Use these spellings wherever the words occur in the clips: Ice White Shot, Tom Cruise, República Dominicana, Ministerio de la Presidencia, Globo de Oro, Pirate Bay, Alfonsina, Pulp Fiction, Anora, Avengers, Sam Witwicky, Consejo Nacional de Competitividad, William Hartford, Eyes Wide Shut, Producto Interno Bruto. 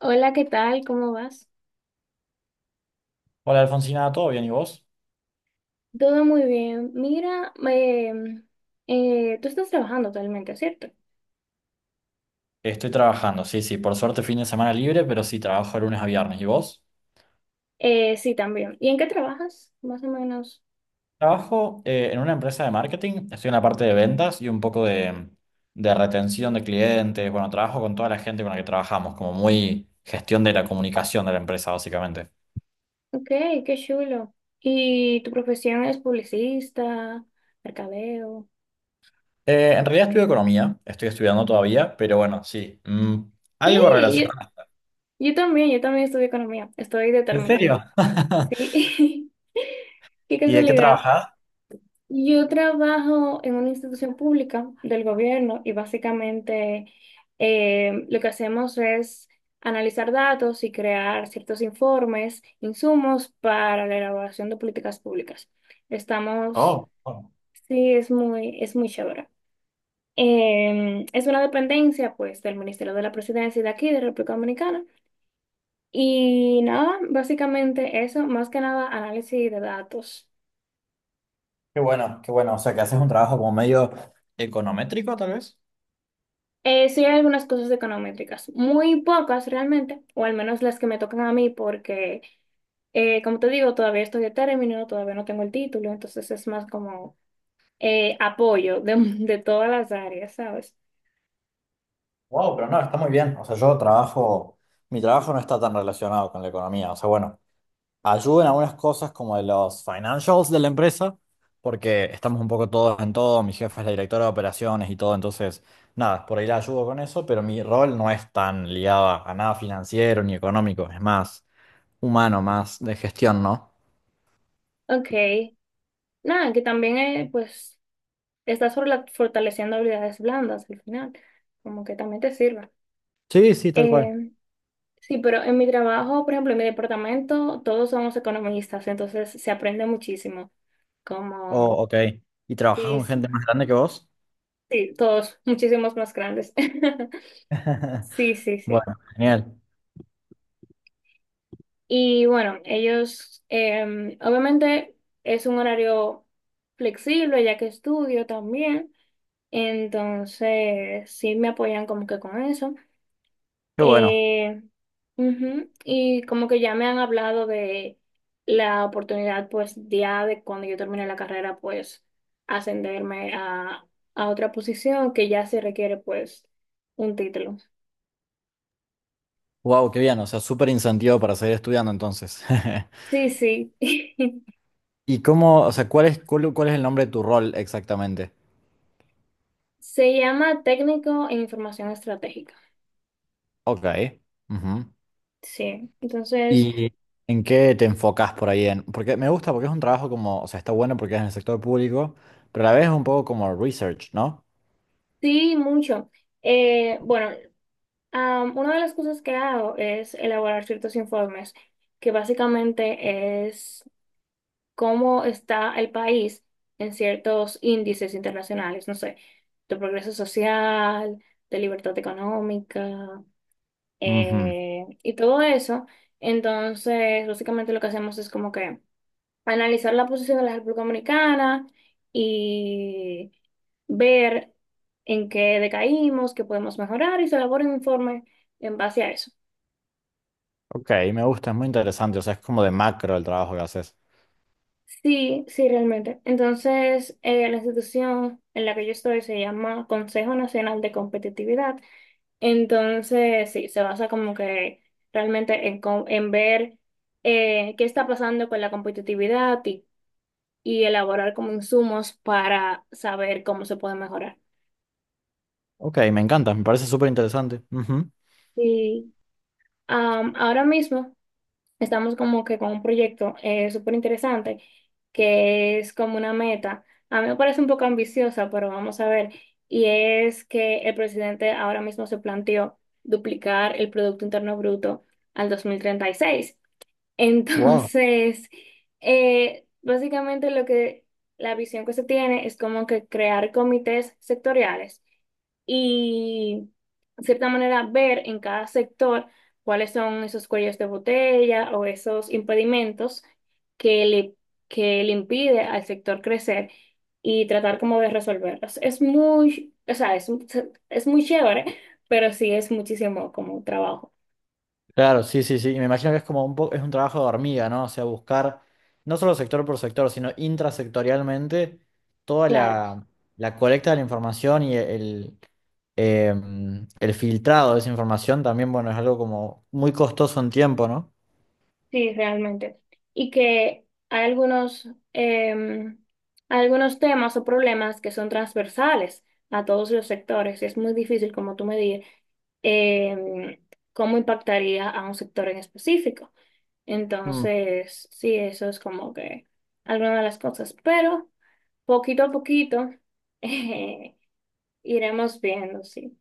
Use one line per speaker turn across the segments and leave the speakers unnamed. Hola, ¿qué tal? ¿Cómo vas?
Hola Alfonsina, ¿todo bien? ¿Y vos?
Todo muy bien. Mira, tú estás trabajando actualmente, ¿cierto?
Estoy trabajando, sí, sí, por suerte fin de semana libre, pero sí, trabajo de lunes a viernes. ¿Y vos?
Sí, también. ¿Y en qué trabajas? Más o menos.
Trabajo en una empresa de marketing, estoy en la parte de ventas y un poco de retención de clientes. Bueno, trabajo con toda la gente con la que trabajamos, como muy gestión de la comunicación de la empresa, básicamente.
Ok, qué chulo. ¿Y tu profesión es publicista, mercadeo?
En realidad estudio economía, estoy estudiando todavía, pero bueno, sí, algo
Sí,
relacionado.
yo también, yo también estudio economía. Estoy de
¿En
término ya.
serio?
Sí. Qué
¿Y de qué
casualidad.
trabajás?
Yo trabajo en una institución pública del gobierno y básicamente lo que hacemos es analizar datos y crear ciertos informes, insumos para la elaboración de políticas públicas. Estamos,
Oh, oh,
sí, es es muy chévere. Es una dependencia, pues, del Ministerio de la Presidencia y de aquí, de República Dominicana. Y nada, básicamente eso, más que nada análisis de datos.
qué bueno, qué bueno. O sea, que haces un trabajo como medio econométrico, tal vez.
Sí hay algunas cosas econométricas, muy pocas realmente, o al menos las que me tocan a mí, porque como te digo, todavía estoy de término, todavía no tengo el título, entonces es más como apoyo de, de todas las áreas, ¿sabes?
Wow, pero no, está muy bien. O sea, yo trabajo, mi trabajo no está tan relacionado con la economía. O sea, bueno, ayudo en algunas cosas como de los financials de la empresa, porque estamos un poco todos en todo. Mi jefa es la directora de operaciones y todo, entonces, nada, por ahí la ayudo con eso, pero mi rol no es tan ligado a nada financiero ni económico, es más humano, más de gestión, ¿no?
Ok, nada, que también pues estás fortaleciendo habilidades blandas al final, como que también te sirva.
Sí, sí, tal cual.
Eh, sí, pero en mi trabajo, por ejemplo, en mi departamento, todos somos economistas, entonces se aprende muchísimo,
Oh,
como...
ok. ¿Y trabajas
Sí,
con gente más grande que vos?
sí, todos, muchísimos más grandes. Sí, sí, sí.
Bueno, genial.
Y bueno, ellos, obviamente es un horario flexible ya que estudio también, entonces sí me apoyan como que con eso.
Qué bueno.
Eh, Ujú, y como que ya me han hablado de la oportunidad, pues ya de cuando yo termine la carrera, pues ascenderme a otra posición que ya se requiere pues un título.
Wow, qué bien, o sea, súper incentivo para seguir estudiando entonces.
Sí, sí.
¿Y cómo, o sea, cuál es el nombre de tu rol exactamente?
Se llama técnico en información estratégica.
Ok. Ujú.
Sí, entonces,
¿Y en qué te enfocas por ahí? En, porque me gusta, porque es un trabajo como, o sea, está bueno porque es en el sector público, pero a la vez es un poco como research, ¿no?
sí, mucho. Bueno, una de las cosas que hago es elaborar ciertos informes, que básicamente es cómo está el país en ciertos índices internacionales, no sé, de progreso social, de libertad económica,
Ujú.
y todo eso. Entonces, básicamente lo que hacemos es como que... analizar la posición de la República Dominicana y ver en qué decaímos, qué podemos mejorar y se elabora un informe en base a eso.
Ok, me gusta, es muy interesante, o sea, es como de macro el trabajo que haces.
Sí, sí, realmente. Entonces, la institución en la que yo estoy se llama Consejo Nacional de Competitividad. Entonces, sí, se basa como que realmente en, en ver qué está pasando con la competitividad y elaborar como insumos para saber cómo se puede mejorar.
Ok, me encanta, me parece súper interesante.
Sí. Ahora mismo estamos como que con un proyecto súper interesante que es como una meta. A mí me parece un poco ambiciosa, pero vamos a ver. Y es que el presidente ahora mismo se planteó duplicar el Producto Interno Bruto al 2036.
Wow.
Entonces, básicamente lo que la visión que se tiene es como que crear comités sectoriales y, de cierta manera, ver en cada sector cuáles son esos cuellos de botella o esos impedimentos que le, que le impide al sector crecer y tratar como de resolverlos. Es es muy chévere, pero sí es muchísimo como trabajo.
Claro, sí, sí, sí. Y me imagino que es como un poco, es un trabajo de hormiga, ¿no? O sea, buscar no solo sector por sector, sino intrasectorialmente toda
Claro.
la colecta de la información y el filtrado de esa información también, bueno, es algo como muy costoso en tiempo, ¿no?
Sí, realmente. Y que hay algunos, eh, algunos temas o problemas que son transversales a todos los sectores. Es muy difícil, como tú me dices, eh, cómo impactaría a un sector en específico. Entonces, sí, eso es como que alguna de las cosas. Pero poquito a poquito eh, iremos viendo, sí.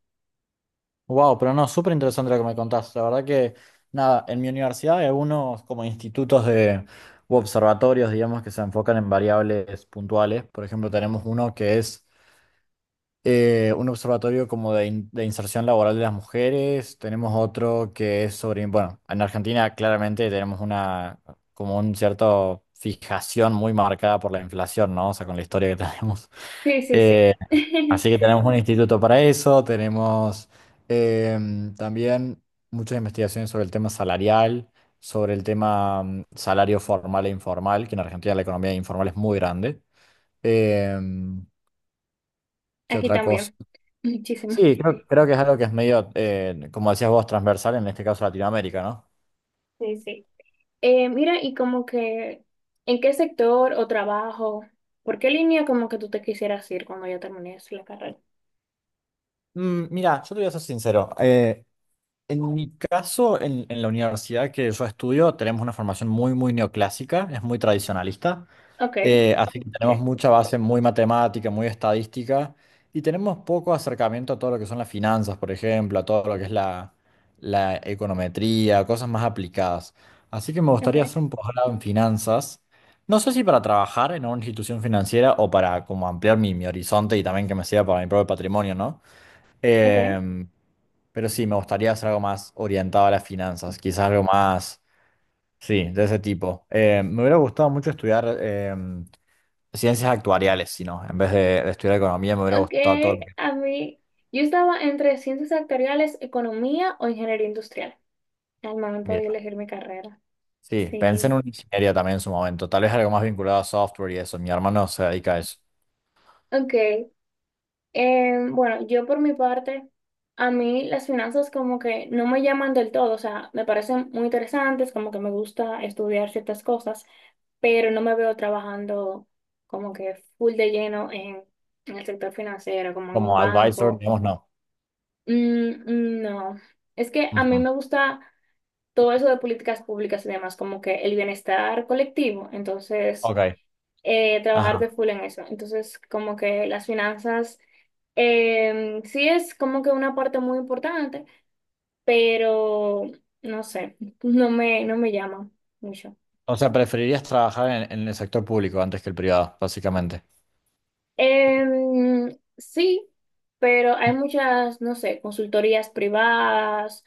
Wow, pero no, súper interesante lo que me contaste. La verdad que, nada, en mi universidad hay algunos como institutos de, u observatorios, digamos, que se enfocan en variables puntuales. Por ejemplo, tenemos uno que es un observatorio como de, de inserción laboral de las mujeres, tenemos otro que es sobre, bueno, en Argentina claramente tenemos una, como un cierto fijación muy marcada por la inflación, ¿no? O sea, con la historia que tenemos.
Sí, sí, sí.
Eh, Así que tenemos un instituto para eso, tenemos también muchas investigaciones sobre el tema salarial, sobre el tema salario formal e informal, que en Argentina la economía informal es muy grande. Em, ¿Qué
Aquí
otra cosa?
también. Muchísimo.
Sí, creo, creo que es algo que es medio, como decías vos, transversal, en este caso Latinoamérica, ¿no?
Sí, sí. Mira, y como que, ¿en qué sector o trabajo? ¿Por qué línea como que tú te quisieras ir cuando ya termines la carrera?
Mm, mira, yo te voy a ser sincero. En mi caso, en la universidad que yo estudio, tenemos una formación muy, muy neoclásica, es muy tradicionalista.
Ok,
Así que tenemos
sí,
mucha base muy matemática, muy estadística, y tenemos poco acercamiento a todo lo que son las finanzas, por ejemplo, a todo lo que es la econometría, cosas más aplicadas. Así que me
ok,
gustaría hacer un posgrado en finanzas. No sé si para trabajar en una institución financiera o para como ampliar mi horizonte y también que me sirva para mi propio patrimonio, ¿no?
ok,
Em, pero sí, me gustaría hacer algo más orientado a las finanzas, quizás algo más, sí, de ese tipo. Me hubiera gustado mucho estudiar ciencias actuariales, si no, en vez de estudiar economía me hubiera
ok,
gustado todo lo que...
a mí, yo estaba entre ciencias sectoriales, economía o ingeniería industrial al momento de
Mira,
elegir mi carrera.
sí, pensé en
Sí,
una ingeniería también en su momento, tal vez algo más vinculado a software y eso, mi hermano se dedica a eso.
ok, bueno, yo por mi parte, a mí las finanzas como que no me llaman del todo, o sea, me parecen muy interesantes, como que me gusta estudiar ciertas cosas pero no me veo trabajando como que full de lleno en el sector financiero, como en un
Como advisor,
banco.
digamos, no.
Mm, mm, no, es que a mí
Ujú.
me gusta todo eso de políticas públicas y demás, como que el bienestar colectivo, entonces
Ok,
trabajar de
ajá.
full en eso. Entonces, como que las finanzas sí es como que una parte muy importante, pero no sé, no me llama mucho.
O sea, preferirías trabajar en el sector público antes que el privado, básicamente.
Sí, pero hay muchas, no sé, consultorías privadas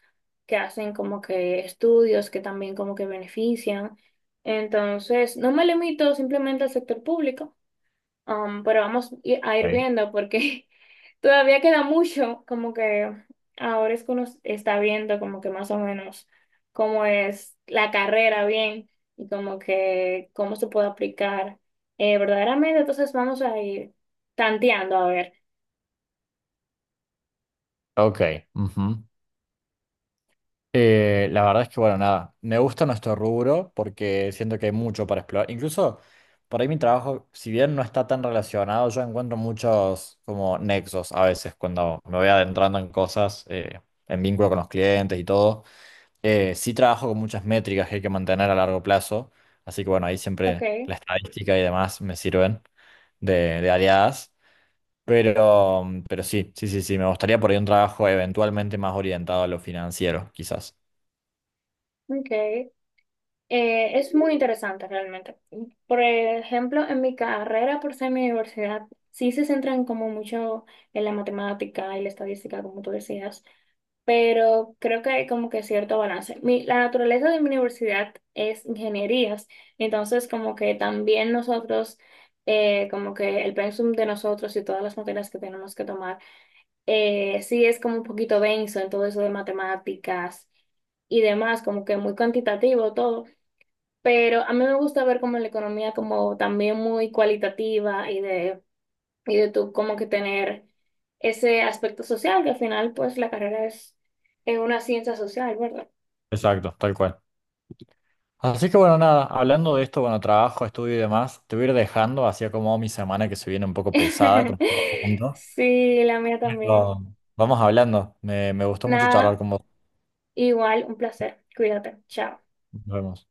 que hacen como que estudios que también como que benefician. Entonces, no me limito simplemente al sector público. Pero vamos a ir
Ok,
viendo porque todavía queda mucho, como que ahora es que uno está viendo como que más o menos cómo es la carrera bien y como que cómo se puede aplicar verdaderamente. Entonces vamos a ir tanteando a ver.
ok. Ujú. La verdad es que, bueno, nada, me gusta nuestro rubro porque siento que hay mucho para explorar. Incluso por ahí mi trabajo, si bien no está tan relacionado, yo encuentro muchos como nexos a veces cuando me voy adentrando en cosas, en vínculo con los clientes y todo. Sí trabajo con muchas métricas que hay que mantener a largo plazo, así que bueno, ahí
Ok,
siempre la estadística y demás me sirven de aliadas. Pero sí, sí, sí, sí, me gustaría por ahí un trabajo eventualmente más orientado a lo financiero, quizás.
ok. Es muy interesante realmente. Por ejemplo, en mi carrera, por ser mi universidad, sí se centran como mucho en la matemática y la estadística, como tú decías. Pero creo que hay como que cierto balance. La naturaleza de mi universidad es ingenierías, entonces como que también nosotros, como que el pensum de nosotros y todas las materias que tenemos que tomar, sí es como un poquito denso en todo eso de matemáticas y demás, como que muy cuantitativo todo, pero a mí me gusta ver como la economía como también muy cualitativa y de tú como que tener ese aspecto social, que al final pues la carrera es una ciencia social, ¿verdad?
Exacto, tal cual. Así que bueno, nada, hablando de esto, bueno, trabajo, estudio y demás, te voy a ir dejando, así como mi semana que se viene un poco pesada con todo el.
Sí, la mía también.
Pero vamos hablando. Me gustó mucho charlar
Nada,
con vos.
igual, un placer. Cuídate. Chao.
Nos vemos.